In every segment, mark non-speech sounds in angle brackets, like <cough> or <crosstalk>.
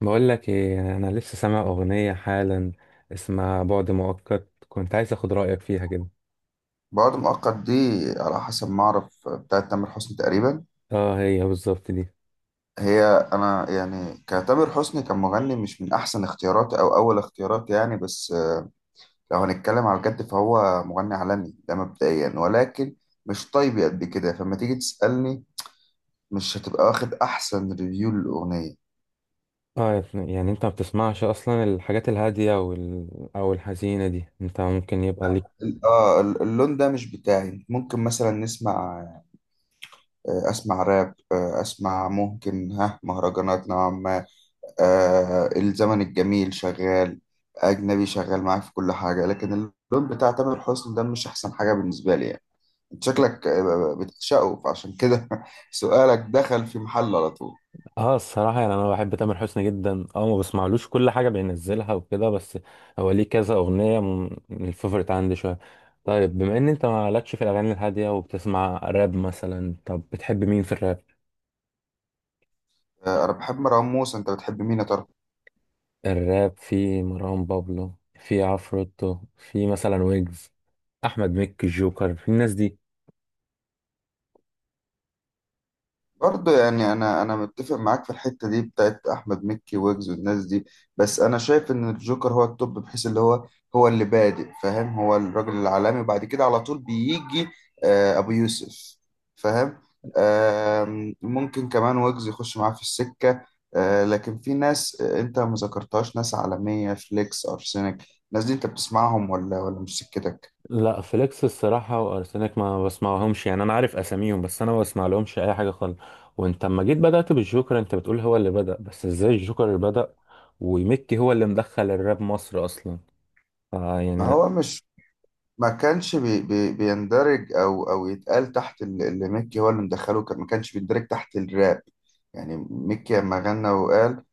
بقول لك ايه؟ انا لسه سامع اغنيه حالا اسمها بعد مؤقت، كنت عايز اخد رايك فيها كده. بعد مؤقت دي. على حسب ما أعرف بتاعت تامر حسني تقريبا. اه، هي بالظبط دي. هي أنا يعني كتامر حسني كمغني مش من أحسن اختياراتي أو أول اختياراتي يعني، بس لو هنتكلم على الجد فهو مغني عالمي ده مبدئيا، ولكن مش طيب قد كده، فلما تيجي تسألني مش هتبقى واخد أحسن ريفيو للأغنية. اه يا ابني، يعني انت ما بتسمعش اصلا الحاجات الهاديه او او الحزينه دي؟ انت ممكن يبقى ليك. اللون ده مش بتاعي. ممكن مثلا نسمع اسمع راب، اسمع ممكن ها مهرجانات نوعا ما. الزمن الجميل شغال، أجنبي شغال معاك في كل حاجة، لكن اللون بتاع تامر حسني ده مش أحسن حاجة بالنسبة لي يعني. أنت شكلك بتعشقه، فعشان كده <laughs> سؤالك دخل في محل على طول. اه، الصراحه يعني انا بحب تامر حسني جدا، ما بسمعلوش كل حاجه بينزلها وكده، بس هو ليه كذا اغنيه من الفيفوريت عندي شويه. طيب، بما ان انت مالكش في الاغاني الهاديه وبتسمع راب مثلا، طب بتحب مين في الراب؟ آه أنا بحب مروان موسى، أنت بتحب مين يا ترى؟ الراب، في مروان بابلو، في عفروتو، في مثلا ويجز، احمد مكي، الجوكر، في الناس دي. برضه يعني انا متفق معاك في الحته دي بتاعت احمد مكي ويجز والناس دي، بس انا شايف ان الجوكر هو التوب، بحيث اللي هو هو اللي بادئ، فاهم؟ هو الراجل العالمي وبعد كده على طول بيجي ابو يوسف، فاهم؟ آم، ممكن كمان ويجز يخش معاه في السكه. لكن في ناس انت ما ذكرتهاش، ناس عالميه، فليكس، ارسنال. الناس دي انت بتسمعهم ولا مش سكتك؟ لا، فليكس الصراحه وارسنال ما بسمعهمش، يعني انا عارف اساميهم بس انا ما بسمع لهمش اي حاجه خالص. وانت اما جيت بدات بالجوكر، انت بتقول هو اللي بدا، بس ازاي الجوكر اللي بدا ومكي هو اللي مدخل الراب مصر اصلا؟ ما فيعني. هو مش ما كانش بي بي بيندرج او يتقال تحت اللي ميكي هو اللي مدخله، كان ما كانش بيندرج تحت الراب يعني. ميكي لما غنى وقال،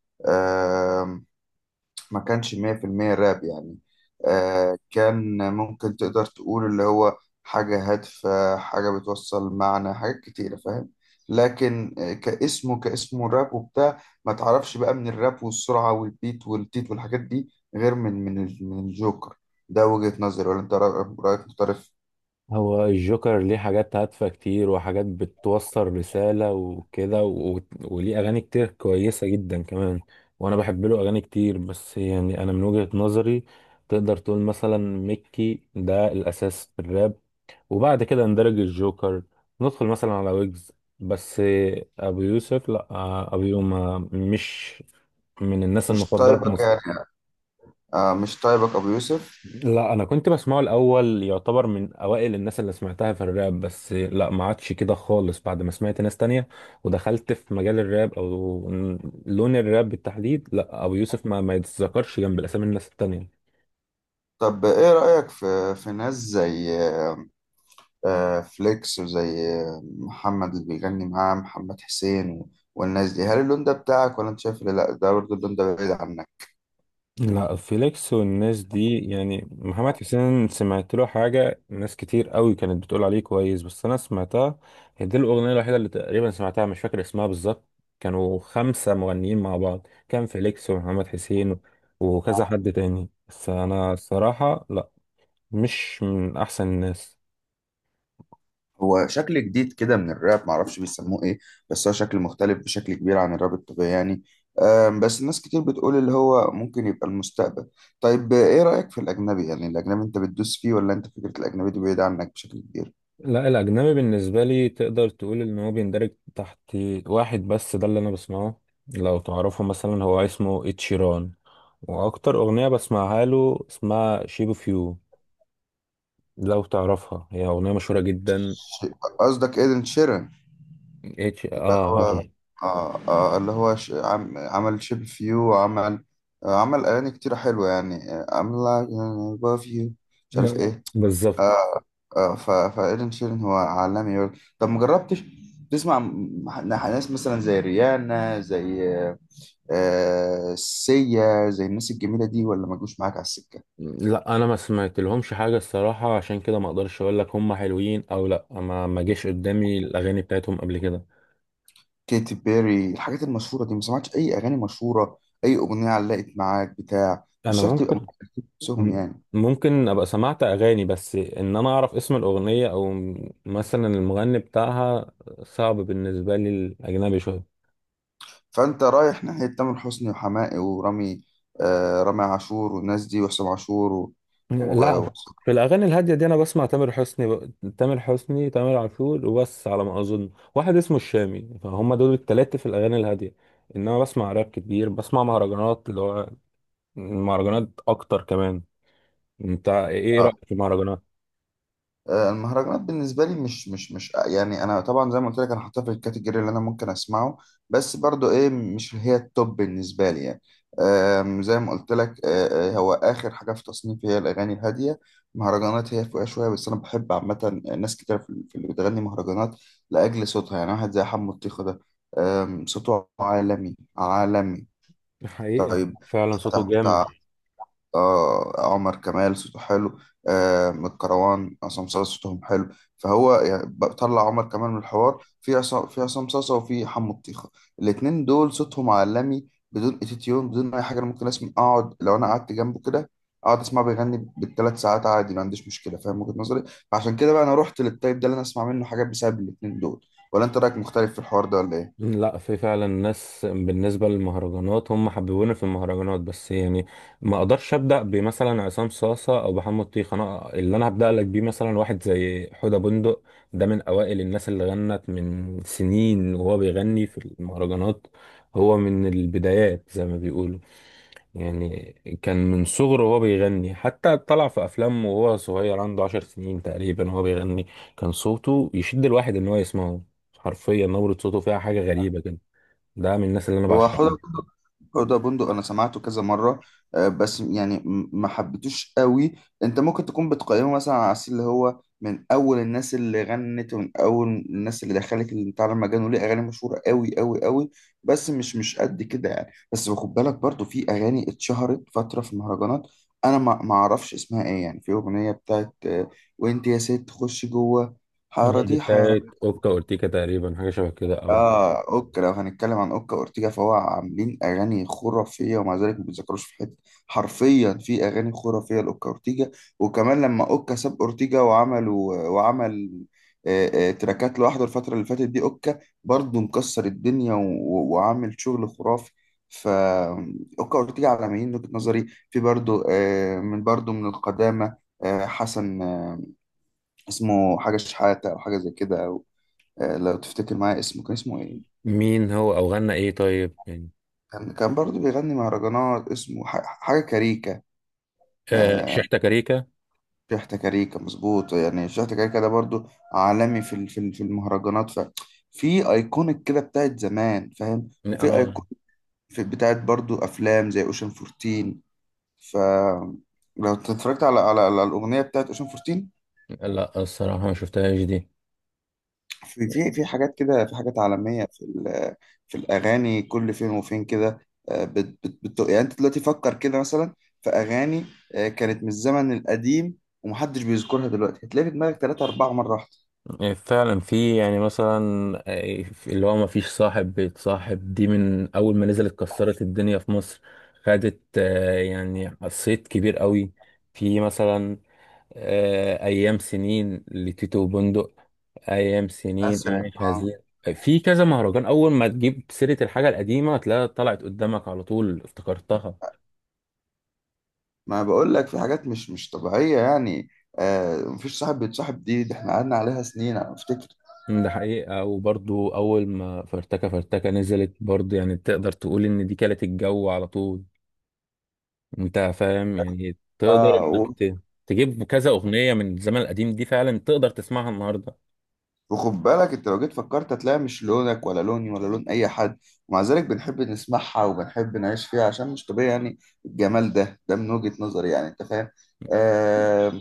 ما كانش 100% راب يعني. آه كان ممكن تقدر تقول اللي هو حاجة هادفة، حاجة بتوصل معنى، حاجات كتيرة، فاهم؟ لكن كاسمه، كاسمه راب وبتاع، ما تعرفش بقى من الراب والسرعة والبيت والتيت والحاجات دي، غير من الجوكر. ده وجهة نظري، ولا انت رأيك مختلف؟ هو الجوكر ليه حاجات هادفة كتير، وحاجات بتوصل رسالة وكده، وليه أغاني كتير كويسة جدا كمان. وأنا بحب له أغاني كتير، بس يعني أنا من وجهة نظري تقدر تقول مثلا ميكي ده الأساس في الراب، وبعد كده ندرج الجوكر، ندخل مثلا على ويجز بس. أبو يوسف لأ، أبو يوم مش من الناس مش المفضلة في طيبك مصر. يعني؟ آه مش طيبك أبو يوسف. لا، انا كنت بسمعه الاول، يعتبر من اوائل الناس اللي سمعتها في الراب، بس لا ما عادش كده خالص بعد ما سمعت ناس تانية ودخلت في مجال الراب او لون الراب بالتحديد. لا، ابو يوسف ما يتذكرش جنب الاسامي الناس التانية. طب إيه رأيك في ناس زي فليكس، وزي محمد اللي بيغني معاه محمد حسين والناس دي، هل اللون ده بتاعك، ولا انت شايف إن لا ده برضه اللون ده بعيد عنك؟ لا، فيليكس والناس دي، يعني محمد حسين سمعت له حاجة، ناس كتير قوي كانت بتقول عليه كويس بس أنا سمعتها، هي دي الأغنية الوحيدة اللي تقريبا سمعتها، مش فاكر اسمها بالظبط. كانوا خمسة مغنيين مع بعض، كان فيليكس ومحمد حسين وكذا حد تاني، بس أنا الصراحة لا، مش من أحسن الناس. هو شكل جديد كده من الراب، معرفش بيسموه ايه، بس هو شكل مختلف بشكل كبير عن الراب الطبيعي يعني. آم، بس الناس كتير بتقول اللي هو ممكن يبقى المستقبل. طيب، ايه رأيك في الأجنبي؟ يعني الأجنبي انت بتدوس فيه، ولا انت فكرة الأجنبي دي بعيدة عنك بشكل كبير؟ لا، الأجنبي بالنسبة لي تقدر تقول إن هو بيندرج تحت واحد بس، ده اللي أنا بسمعه. لو تعرفه مثلا، هو اسمه إتشيران، واكتر اغنيه بسمعها له اسمها شيب اوف يو، لو تعرفها، هي اغنيه مشهوره جدا. ش- قصدك ايدن شيران؟ اتش، اللي اه، هو هاي. آه آه اللي هو عمل شيب اوف يو، وعمل آه عمل أغاني كتيرة حلوة يعني، I'm like I love you، مش عارف ايه. بالظبط. آه فإيدن شيرين هو عالمي برضه. طب مجربتش تسمع ناس مثلا زي ريانا، زي آه سيا، زي الناس الجميلة دي، ولا ما جوش معاك على السكة؟ لا، انا ما سمعت لهمش حاجه الصراحه، عشان كده ما اقدرش اقول لك هم حلوين او لا، ما جيش قدامي الاغاني بتاعتهم قبل كده. كيتي بيري الحاجات المشهورة دي ما سمعتش أي أغاني مشهورة؟ أي أغنية علقت معاك بتاع، مش انا شرط يبقى مؤلفين نفسهم م- يعني. ممكن ابقى سمعت اغاني بس ان انا اعرف اسم الاغنيه او مثلا المغني بتاعها صعب بالنسبه لي الاجنبي شويه. فانت رايح ناحيه تامر حسني وحماقي ورامي، آه رامي عاشور والناس دي، وحسام عاشور و... و... و... لا، في الاغاني الهاديه دي انا بسمع تامر حسني تامر عاشور وبس على ما اظن، واحد اسمه الشامي، فهم دول التلاتة في الاغاني الهاديه. انما بسمع راب كتير، بسمع مهرجانات اللي هو المهرجانات اكتر كمان. انت ايه رايك في المهرجانات؟ آه المهرجانات بالنسبه لي مش يعني، انا طبعا زي ما قلت لك انا حاطها في الكاتيجوري اللي انا ممكن اسمعه، بس برضو ايه مش هي التوب بالنسبه لي يعني. آم، زي ما قلت لك، هو اخر حاجه في تصنيفي هي الاغاني الهاديه، مهرجانات هي فوقها شويه، بس انا بحب عامه ناس كتير في اللي بتغني مهرجانات لاجل صوتها يعني. واحد زي حمو الطيخه ده، آم، صوته عالمي عالمي. حقيقي، يعني طيب، فعلا بتاع صوته جامد. بتاع آه عمر كمال صوته حلو، آه من الكروان عصام صاصا صوتهم حلو. فهو يعني بطلع عمر كمال من الحوار، في عصام، في عصام صاصا، وفي حمو الطيخة. الاتنين دول صوتهم عالمي بدون اتيتيون، بدون اي حاجة. انا ممكن اسمع، اقعد لو انا قعدت جنبه كده اقعد اسمع بيغني بالثلاث ساعات عادي، ما عنديش مشكلة، فاهم وجهة نظري؟ فعشان كده بقى انا رحت للتايب ده اللي انا اسمع منه حاجات بسبب الاتنين دول. ولا انت رايك مختلف في الحوار ده ولا ايه؟ لا، في فعلا ناس بالنسبة للمهرجانات هم حببوني في المهرجانات، بس يعني ما اقدرش ابدأ بمثلا عصام صاصة او محمد طيخ، انا اللي انا هبدأ لك بيه مثلا واحد زي حدى بندق. ده من اوائل الناس اللي غنت من سنين وهو بيغني في المهرجانات، هو من البدايات زي ما بيقولوا، يعني كان من صغره وهو بيغني حتى طلع في افلام وهو صغير عنده 10 سنين تقريبا وهو بيغني. كان صوته يشد الواحد ان هو يسمعه، حرفيا نبرة صوته فيها حاجة غريبة كده. ده من الناس اللي انا هو حوض بعشقهم. بندق، حوض بندق انا سمعته كذا مره، بس يعني ما حبيتوش قوي. انت ممكن تكون بتقيمه مثلا على اساس اللي هو من اول الناس اللي غنت، ومن اول الناس اللي دخلت اللي بتاع المجال، وليه اغاني مشهوره قوي قوي قوي، بس مش مش قد كده يعني. بس خد بالك برضو في اغاني اتشهرت فتره في المهرجانات انا ما اعرفش اسمها ايه يعني. في اغنيه بتاعت وانت يا ست خش جوه، حاره دي دي حاره. بتاعت اوكا اورتيكا تقريبا، حاجه شبه كده او... اه اوكا، لو هنتكلم عن اوكا اورتيجا فهو عاملين اغاني خرافيه، ومع ذلك ما بيتذكروش في حته. حرفيا في اغاني خرافيه لاوكا اورتيجا. وكمان لما اوكا ساب اورتيجا، وعمل تراكات لوحده الفتره اللي فاتت دي، اوكا برضه مكسر الدنيا وعامل شغل خرافي. ف اوكا اورتيجا عالميين من وجهه نظري. في برضه من برضه من القدامى، حسن اسمه حاجه شحاته او حاجه زي كده أو، آه، لو تفتكر معايا اسمه كان اسمه ايه؟ مين هو او غنى ايه؟ طيب يعني. كان كان برضه بيغني مهرجانات اسمه حاجة كاريكا، آه، آه. شحتة كاريكا. شحتة كاريكا، مظبوط. يعني شحتة كاريكا ده برضه عالمي في المهرجانات. ففي ايكونيك كده بتاعت زمان، فاهم؟ وفي اه، ايكونيك في بتاعت برضه افلام زي اوشن 14. ف لو اتفرجت على الاغنية بتاعت اوشن 14، لا الصراحه ما شفتهاش دي. في حاجات كده، في حاجات عالمية، في في الأغاني كل فين وفين كده. آه، بت بت بت يعني أنت دلوقتي فكر كده مثلا، في أغاني كانت من الزمن القديم ومحدش بيذكرها دلوقتي، هتلاقي في دماغك تلاتة أربعة مرة واحدة. آه، فعلا في يعني مثلا، اللي هو ما فيش صاحب بيتصاحب، دي من اول ما نزلت كسرت الدنيا في مصر، خدت يعني صيت كبير قوي. في مثلا ايام سنين لتيتو بندق، ايام سنين مثلا عايش آه. هزير. في كذا مهرجان، اول ما تجيب سيره الحاجه القديمه تلاقيها طلعت قدامك على طول، افتكرتها. ما بقول لك في حاجات مش مش طبيعية يعني. مفيش صاحب بيتصاحب دي، ده احنا قعدنا عليها سنين أنا أفتكر. ده حقيقه، وبرضو اول ما فرتكه فرتكه نزلت برضو، يعني تقدر تقول ان دي كانت الجو على طول. انت فاهم يعني، تقدر انك اه. تجيب كذا اغنيه من الزمن القديم دي فعلا تقدر تسمعها النهارده. وخد بالك انت لو جيت فكرت هتلاقي مش لونك ولا لوني ولا لون اي حد، ومع ذلك بنحب نسمعها وبنحب نعيش فيها، عشان مش طبيعي يعني. الجمال ده ده من وجهة نظري يعني، انت فاهم؟ آم،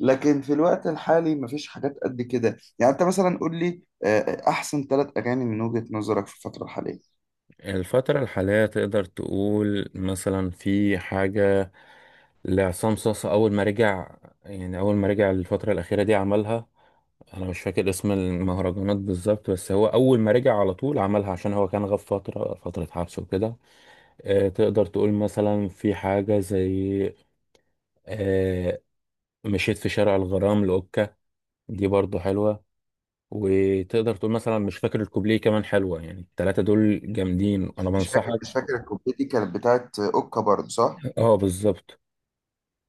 لكن في الوقت الحالي مفيش حاجات قد كده يعني. انت مثلا قول لي احسن 3 اغاني من وجهة نظرك في الفترة الحالية. الفترة الحالية تقدر تقول مثلا في حاجة لعصام صاصا أول ما رجع، يعني أول ما رجع الفترة الأخيرة دي عملها. أنا مش فاكر اسم المهرجانات بالظبط، بس هو أول ما رجع على طول عملها عشان هو كان غاب فترة، فترة حبس وكده. تقدر تقول مثلا في حاجة زي آه، مشيت في شارع الغرام لأوكا، دي برضو حلوة. وتقدر تقول مثلا مش فاكر الكوبليه كمان حلوة، يعني التلاتة دول جامدين، أنا بنصحك. مش فاكر الكوبليه دي كانت بتاعت اوكا برضه، صح؟ اه، بالظبط.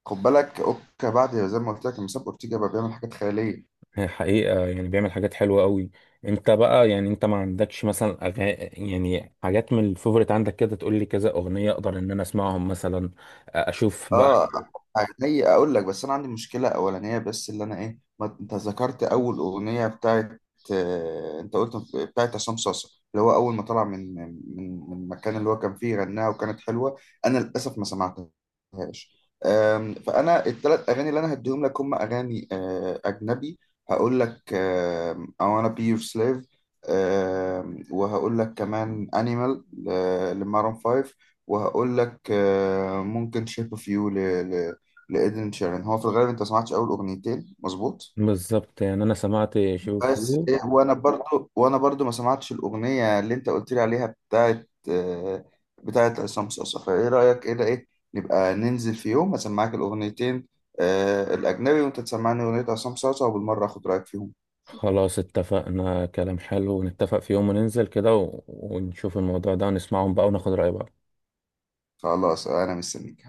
خد بالك اوكا بعد زي ما قلت لك لما ساب اورتيجا بقى بيعمل حاجات خيالية. هي حقيقة يعني بيعمل حاجات حلوة قوي. انت بقى يعني انت ما عندكش مثلا يعني حاجات من الفيفوريت عندك كده تقول لي كذا اغنية اقدر ان انا اسمعهم مثلا اشوف بقى. اه. عينيا اقول لك، بس انا عندي مشكله اولانيه بس، اللي انا ايه، ما انت ذكرت اول اغنيه بتاعت انت قلت بتاعت عصام صاصا اللي هو اول ما طلع من المكان اللي هو كان فيه غناها وكانت حلوه، انا للاسف ما سمعتهاش. آم، فانا الثلاث اغاني اللي انا هديهم لك هم اغاني اجنبي. هقول لك آم، I wanna be your slave، آم، وهقول لك كمان animal لمارون 5، وهقول لك ممكن شيب اوف يو ل... لإيدن شيران. هو في الغالب انت ما سمعتش اول اغنيتين، مظبوط؟ بالظبط، يعني انا سمعت شوف بس يو. إيه، وانا برضو ما سمعتش الاغنيه اللي انت قلت لي عليها بتاعت بتاعت عصام صاصا، فايه رايك، ايه ده ايه، نبقى ننزل في يوم اسمعك الاغنيتين الاجنبي، وانت تسمعني اغنيه عصام صاصا، وبالمره اخد رايك فيهم؟ خلاص، اتفقنا، كلام حلو، نتفق في يوم وننزل كده ونشوف الموضوع ده ونسمعهم بقى وناخد رأي بعض. خلاص، انا مستنيك.